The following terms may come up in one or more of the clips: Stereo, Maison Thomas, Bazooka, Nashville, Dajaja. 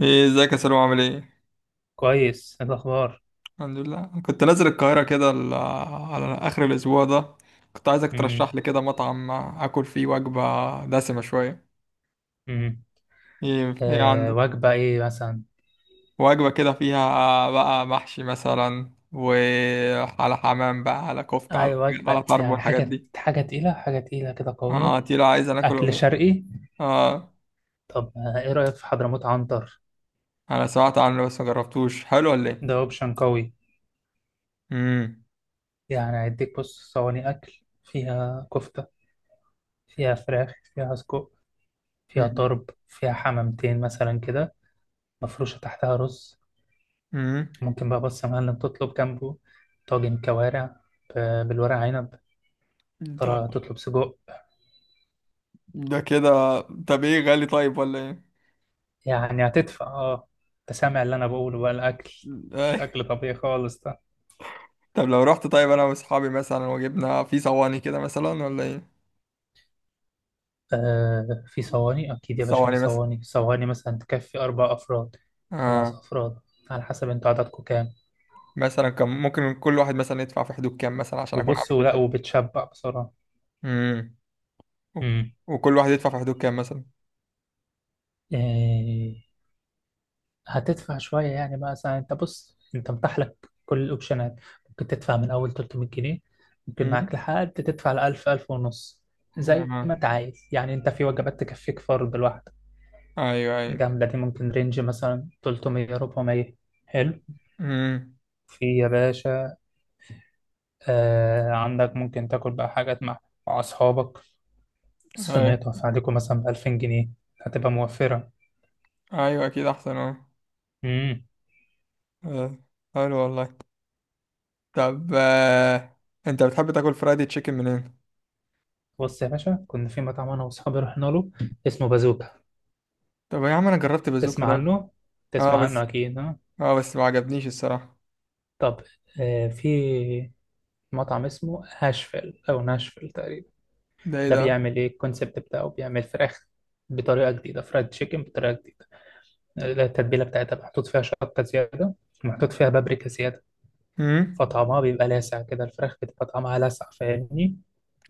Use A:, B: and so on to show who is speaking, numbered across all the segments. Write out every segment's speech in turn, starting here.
A: ايه، ازيك يا سلام؟ عامل ايه؟
B: كويس. إيه الأخبار؟
A: الحمد لله. كنت نازل القاهرة كده على اخر الاسبوع ده. كنت عايزك
B: امم.
A: ترشح لي كده مطعم اكل فيه وجبة دسمة شوية.
B: امم.
A: ايه
B: آه،
A: عندك؟
B: وجبة إيه مثلا؟
A: وجبة كده فيها بقى محشي مثلا وعلى حمام بقى على كفتة على
B: أي
A: على
B: وجبة،
A: طرب
B: يعني
A: والحاجات
B: حاجة
A: دي.
B: حاجة تقيلة، حاجة تقيلة كده قوية.
A: اه، تقيلة. عايز انا اكل
B: أكل
A: وم-
B: شرقي.
A: اه،
B: طب آه، إيه رأيك في حضرموت عنتر؟
A: انا سمعت عنه بس ما جربتوش. حلو ولا ايه؟
B: ده أوبشن قوي.
A: امم.
B: يعني هيديك، بص، صواني أكل فيها كفتة، فيها فراخ، فيها سجق، فيها طرب، فيها حمامتين مثلا كده، مفروشة تحتها رز.
A: امم.
B: ممكن بقى بص يا معلم تطلب جنبه طاجن كوارع، بالورق عنب،
A: ده
B: طلع تطلب سجق.
A: ده كده، طب ايه، غالي طيب ولا؟
B: يعني هتدفع، اه. انت سامع اللي انا بقوله بقى؟ الاكل مش
A: ايه؟
B: اكل طبيعي خالص ده.
A: طب لو رحت طيب انا واصحابي مثلا، وجبنا في صواني كده مثلا ولا ايه؟
B: آه في صواني اكيد يا باشا، في
A: صواني مثلا؟
B: صواني. صواني مثلا تكفي 4 افراد، خمس
A: اه.
B: افراد على حسب انتوا عددكم كام.
A: مثلا كان ممكن كل واحد مثلا يدفع في حدود كام مثلا عشان اكون
B: وبصوا
A: عامل
B: لا،
A: حساب.
B: وبتشبع بصراحه.
A: امم.
B: امم.
A: وكل واحد يدفع في حدود كام مثلا؟
B: آه، هتدفع شويه يعني بقى. مثلا انت بص، انت متاح لك كل الاوبشنات. ممكن تدفع من اول 300 جنيه، ممكن معاك
A: امم.
B: لحد تدفع ل 1000 ونص. زي
A: آه.
B: ما انت عايز يعني. انت في وجبات تكفيك فرد لوحده.
A: ايوه، ايوه.
B: الجملة دي ممكن رينج مثلا 300، 400. حلو.
A: امم.
B: في يا باشا، آه عندك، ممكن تاكل بقى حاجات مع، مع أصحابك،
A: ايوه،
B: صينيتها في عليكم مثلا ب 2000 جنيه. هتبقى موفرة.
A: ايوه، اكيد احسن. اه.
B: امم.
A: آه. حلو والله. طب، آه. انت بتحب تاكل فرايدي تشيكن منين؟
B: بص يا باشا، كنا في مطعم أنا وأصحابي رحنا له، اسمه بازوكا.
A: طب يا عم انا جربت بازوكا
B: تسمع
A: ده.
B: عنه؟
A: اه
B: تسمع عنه
A: بس
B: أكيد، ها؟
A: اه بس ما عجبنيش الصراحه.
B: طب آه، في مطعم اسمه هاشفيل أو ناشفيل تقريبا.
A: ده ايه
B: ده
A: ده؟
B: بيعمل إيه؟ الكونسيبت بتاعه بيعمل فراخ بطريقة جديدة، فرايد تشيكن بطريقة جديدة. التتبيلة بتاعتها محطوط فيها شطة زيادة، ومحطوط فيها بابريكا زيادة.
A: امم.
B: فطعمها بيبقى لاسع كده، الفراخ بتبقى طعمها لاسع، فاهمني؟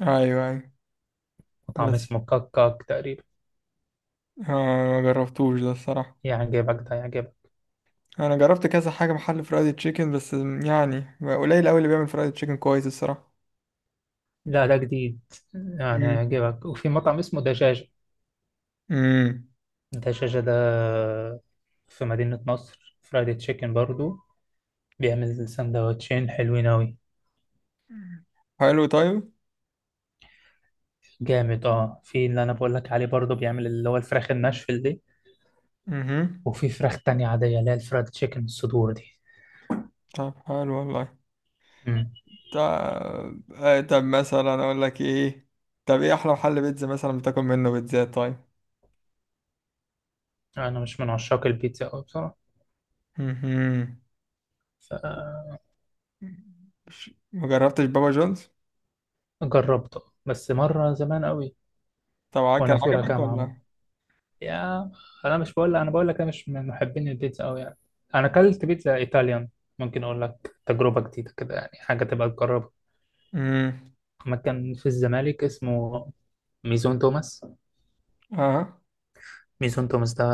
A: ايوه، ايوه.
B: وطعم
A: بس،
B: اسمه كاك كاك تقريبا.
A: آه، ما جربتوش ده الصراحة.
B: يعجبك ده، يعجبك.
A: انا جربت كذا حاجة محل فرايد تشيكن، بس يعني قليل قوي اللي بيعمل فرايد تشيكن كويس الصراحة.
B: لا ده جديد، يعني
A: مم.
B: هيعجبك. وفي مطعم اسمه دجاجة.
A: مم.
B: دجاجة ده في مدينة نصر، فرايدي تشيكن برضو. بيعمل سندوتشين حلوين أوي.
A: حلو طيب.
B: جامد اه. في اللي أنا بقولك عليه برضو بيعمل اللي هو الفراخ الناشفل دي،
A: امم.
B: وفي فراخ تانية عادية اللي هي الفرايد تشيكن الصدور
A: طب حلو والله.
B: دي.
A: طب، آه، طب مثلا اقول لك ايه، طب ايه احلى محل بيتزا مثلا بتاكل منه بيتزات؟ طيب.
B: انا مش من عشاق البيتزا قوي بصراحه.
A: امم. ما جربتش بابا جونز؟
B: فجربت بس مره زمان قوي،
A: طبعا. كان
B: وانا في اولى
A: عجبك
B: جامعه ما.
A: ولا؟
B: يا، انا مش بقول، انا بقول لك انا مش من محبين البيتزا قوي يعني. انا اكلت بيتزا ايطاليان، ممكن اقول لك تجربه جديده كده يعني، حاجه تبقى تجربها.
A: امم.
B: مكان في الزمالك اسمه ميزون توماس.
A: اه،
B: ميزون توماس ده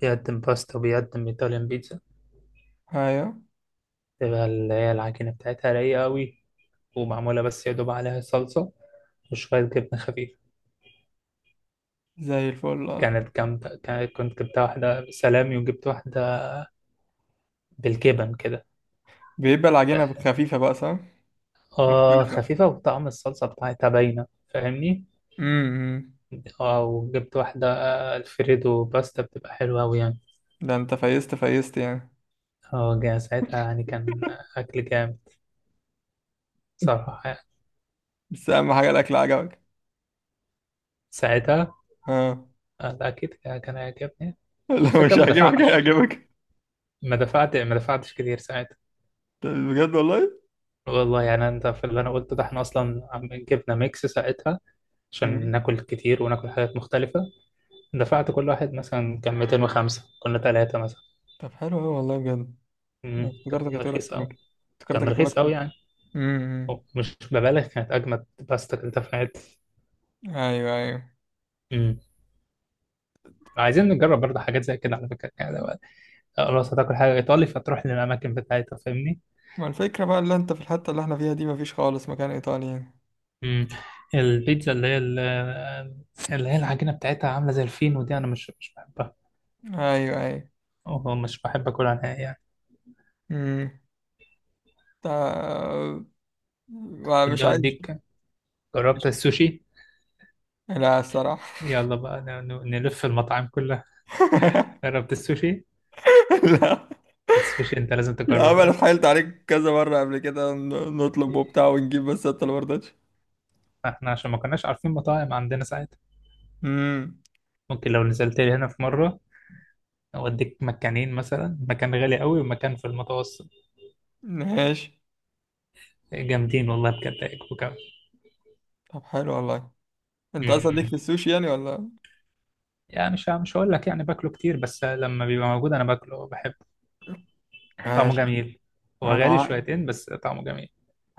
B: بيقدم باستا وبيقدم ايطاليان بيتزا.
A: ايوه،
B: تبقى اللي هي العجينه بتاعتها رايقه قوي، ومعموله بس يا دوب عليها صلصه وشويه جبنه خفيفه.
A: زي الفل. آه.
B: كانت جامدة. كنت جبتها واحدة بسلامي وجبت واحدة بالجبن كده.
A: بيبقى العجينة خفيفة بقى، صح؟
B: اه
A: مختلفة.
B: خفيفة، وطعم الصلصة بتاعتها باينة، فاهمني؟
A: امم.
B: اه وجبت واحدة. آه، الفريدو باستا بتبقى حلوة أوي يعني.
A: ده انت فيست فيست يعني.
B: اه ساعتها يعني، كان أكل جامد صراحة يعني.
A: بس اهم حاجه الاكل عجبك.
B: ساعتها
A: اه.
B: آه، أكيد كان هيعجبني. على
A: لو
B: فكرة
A: مش
B: ما
A: عاجبك
B: دفعتش فيه.
A: هيعجبك.
B: ما دفعتش كتير ساعتها.
A: طب بجد والله.
B: والله يعني، انت في اللي انا قلته ده احنا اصلا جبنا ميكس ساعتها عشان
A: امم.
B: ناكل كتير وناكل حاجات مختلفة. دفعت كل واحد مثلا كان 205، كنا 3 مثلا.
A: طب حلو قوي والله بجد. أنا
B: مم،
A: افتكرتك
B: كان
A: هتقول
B: رخيص
A: اكتر من
B: أوي.
A: كده. افتكرتك
B: كان
A: هتقول
B: رخيص
A: اكتر من
B: أوي
A: كده.
B: يعني. أو
A: امم.
B: مش ببالغ، كانت أجمد باستا كلتها في حياتي.
A: ايوه، ايوه.
B: مم. عايزين نجرب برضه حاجات زي كده على فكرة يعني. لو خلاص هتاكل حاجة إيطالي فتروح للأماكن بتاعتها، فاهمني؟
A: ما الفكره بقى اللي انت في الحته اللي احنا فيها دي مفيش خالص مكان ايطالي يعني.
B: مم. البيتزا اللي هي اللي هي العجينة بتاعتها عاملة زي الفين، ودي أنا مش بحبها،
A: ايوه، ايوه.
B: أو مش بحب أكلها نهائي يعني.
A: امم. طب، مش
B: ودي
A: عايز.
B: أوديك. جربت
A: مش-
B: السوشي؟
A: لا الصراحه.
B: يلا بقى نلف المطاعم كلها. جربت السوشي؟
A: لا.
B: السوشي انت لازم
A: يا عم
B: تجربه يا
A: انا
B: اسطى.
A: اتحايلت عليك كذا مرة قبل كده نطلب وبتاع ونجيب، بس انت اللي مرضتش.
B: احنا عشان ما كناش عارفين مطاعم عندنا ساعتها.
A: امم.
B: ممكن لو نزلت لي هنا في مره، اوديك مكانين، مثلا مكان غالي قوي ومكان في المتوسط.
A: ماشي.
B: جامدين والله بجد، هيعجبوك قوي.
A: طب حلو والله. انت اصلا ليك
B: أمم.
A: في السوشي يعني ولا؟
B: يعني مش هقول لك يعني باكله كتير، بس لما بيبقى موجود انا باكله، بحبه. طعمه
A: ماشي.
B: جميل.
A: انا
B: هو غالي
A: عارف.
B: شويتين بس طعمه جميل.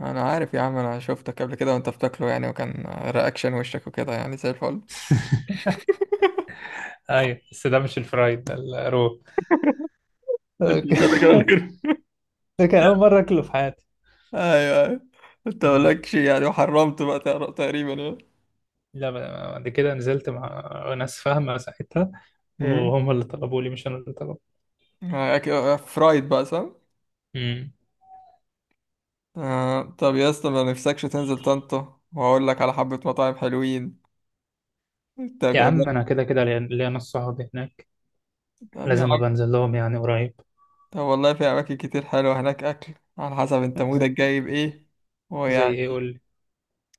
A: انا عارف يا عم، انا شفتك قبل كده وانت بتاكله، يعني وكان رياكشن وشك وكده يعني زي الفل.
B: ايوه بس ده مش الفرايد ده، الرو.
A: انت مش هتاكل ولا غير؟
B: ده كان اول مره اكله في حياتي.
A: ايوه، ايوه. انت
B: أمم.
A: مالكش يعني وحرمت بقى تقريبا يعني.
B: لا، بعد كده نزلت مع ناس فاهمة ساعتها،
A: امم.
B: وهم اللي طلبوا لي مش أنا اللي طلبت.
A: فرايد بقى، صح؟
B: امم.
A: آه، طب يا اسطى، ما نفسكش تنزل طنطا واقول لك على حبة مطاعم حلوين؟ انت
B: يا عم
A: جربت؟
B: أنا كده كده ليا ناس صحابي هناك،
A: طب يا
B: لازم أبقى
A: عم.
B: أنزل لهم يعني قريب.
A: طب والله في أماكن كتير حلوة هناك، أكل على حسب أنت
B: ز-
A: مودك جاي بإيه،
B: زي إيه
A: ويعني،
B: قول لي.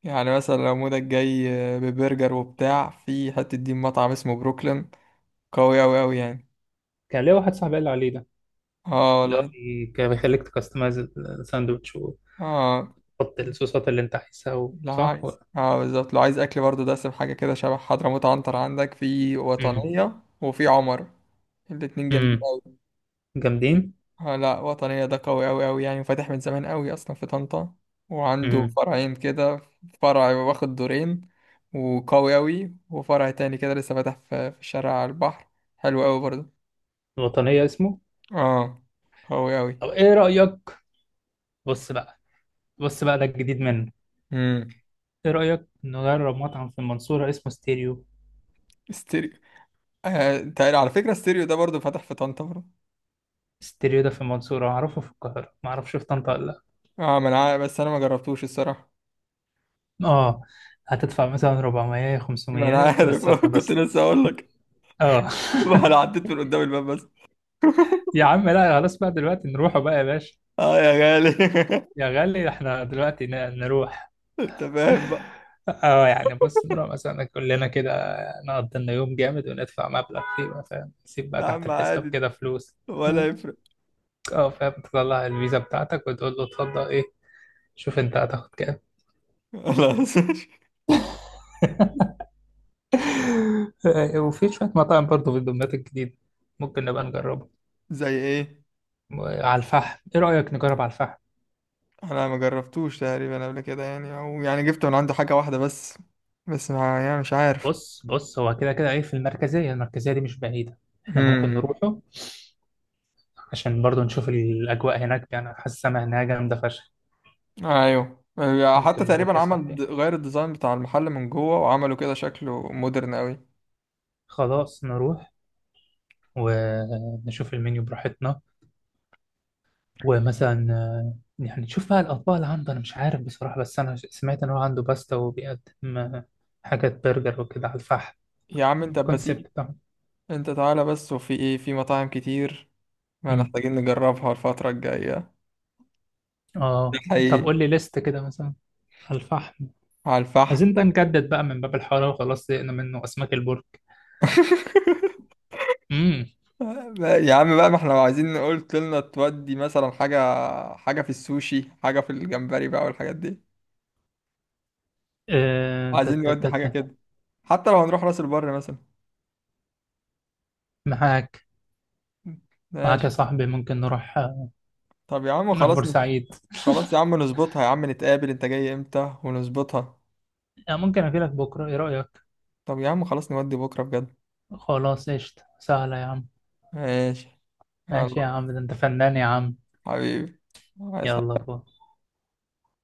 A: يعني مثلا لو مودك جاي ببرجر وبتاع، في حتة دي مطعم اسمه بروكلين قوي أوي أوي يعني.
B: كان ليا واحد صاحبي قال لي عليه ده،
A: اه
B: اللي هو
A: والله.
B: كان بيخليك تكستمايز الساندوتش وتحط
A: اه،
B: الصوصات اللي أنت عايزها،
A: لا
B: صح؟
A: عايز، اه بالظبط، لو عايز أكل برضه دسم حاجة كده شبه حضرموت عنتر، عندك في
B: امم.
A: وطنية وفي عمر. الاتنين جامدين
B: امم.
A: أوي.
B: جامدين.
A: آه لا، وطنية ده قوي أوي أوي يعني، فاتح من زمان أوي أصلا في طنطا. وعنده
B: امم.
A: فرعين كده. فرع واخد دورين وقوي أوي، وفرع تاني كده لسه فاتح في الشارع على البحر، حلو أوي برضه.
B: الوطنية اسمه.
A: اه، قوي أوي.
B: طب إيه رأيك؟ بص بقى، بص بقى ده الجديد منه.
A: امم.
B: إيه رأيك نجرب مطعم في المنصورة اسمه ستيريو؟
A: ستيريو. آه، انت على فكرة ستيريو ده برضه فاتح في طنطا برضه.
B: ستيريو ده في المنصورة أعرفه، في القاهرة ما أعرفش، في طنطا ولا؟
A: اه ما أنا عارف، بس أنا ما جربتوش الصراحة.
B: لأ، آه. هتدفع مثلا 400،
A: ما أنا
B: 500
A: عارف.
B: بس
A: كنت
B: هتتبسط.
A: لسه أقول لك.
B: آه.
A: ما أنا عديت من قدام الباب بس.
B: يا عم لا خلاص بقى، دلوقتي نروحوا بقى يا باشا.
A: اه يا غالي.
B: يا غالي إحنا دلوقتي نروح.
A: انت فاهم بقى.
B: آه يعني بص، نروح مثلا كلنا كده، نقضي لنا يوم جامد وندفع مبلغ فيه بقى، فاهم؟ نسيب بقى
A: يا
B: تحت
A: عم
B: الحساب
A: عادي.
B: كده فلوس.
A: ولا يفرق.
B: آه فاهم، تطلع الفيزا بتاعتك وتقول له اتفضل. إيه؟ شوف أنت هتاخد كام.
A: لا.
B: وفي شوية مطاعم برضه في الدمياط الجديدة، ممكن نبقى نجربها.
A: زي ايه؟
B: على الفحم، ايه رأيك نجرب على الفحم؟
A: انا ما جربتوش تقريبا قبل كده يعني، او يعني جبت من عنده حاجه واحده بس، بس ما يعني مش عارف.
B: بص بص، هو كده كده ايه. في المركزية، المركزية دي مش بعيدة، احنا ممكن
A: امم.
B: نروحه عشان برضه نشوف الأجواء هناك. يعني حاسس السما هناك جامدة فشخ.
A: ايوه. حتى
B: ممكن نروح
A: تقريبا
B: يا
A: عمل
B: صاحبي.
A: غير الديزاين بتاع المحل من جوه، وعملوا كده شكله مودرن قوي.
B: خلاص نروح ونشوف المنيو براحتنا، ومثلا آه، يعني نشوف بقى الأطباق اللي عنده. أنا مش عارف بصراحة، بس أنا سمعت إن هو عنده باستا وبيقدم آه، حاجات برجر وكده على الفحم،
A: يا عم انت أبقى تيجي.
B: الكونسيبت.
A: انت تعالى بس، وفي ايه، في مطاعم كتير ما
B: مم.
A: محتاجين نجربها الفتره الجايه،
B: اه. طب
A: حقيقي.
B: قول لي ليست كده مثلا. الفحم.
A: على الفحم.
B: عايزين بقى نجدد بقى من باب الحاره وخلاص، زهقنا منه، اسماك البرك. امم.
A: يا عم بقى، ما احنا لو عايزين قلت لنا تودي مثلا حاجة، حاجة في السوشي، حاجة في الجمبري بقى والحاجات دي.
B: آه، تا-
A: عايزين
B: تا-
A: نودي
B: تا-
A: حاجة
B: تا.
A: كده، حتى لو هنروح راس البر مثلا.
B: معاك. معاك يا
A: ماشي.
B: صاحبي، ممكن نروح آه،
A: طب يا عم
B: نروح
A: خلاص.
B: بورسعيد.
A: خلاص يا عم نظبطها. يا عم نتقابل، انت جاي امتى ونظبطها؟
B: آه، ممكن اجي لك بكره، ايه رايك؟
A: طب يا عم خلاص نودي بكرة بجد.
B: خلاص قشطه سهله يا عم.
A: ماشي. يلا.
B: ماشي يا عم، ده انت فنان يا عم.
A: حبيبي. عايز.
B: يلا باي.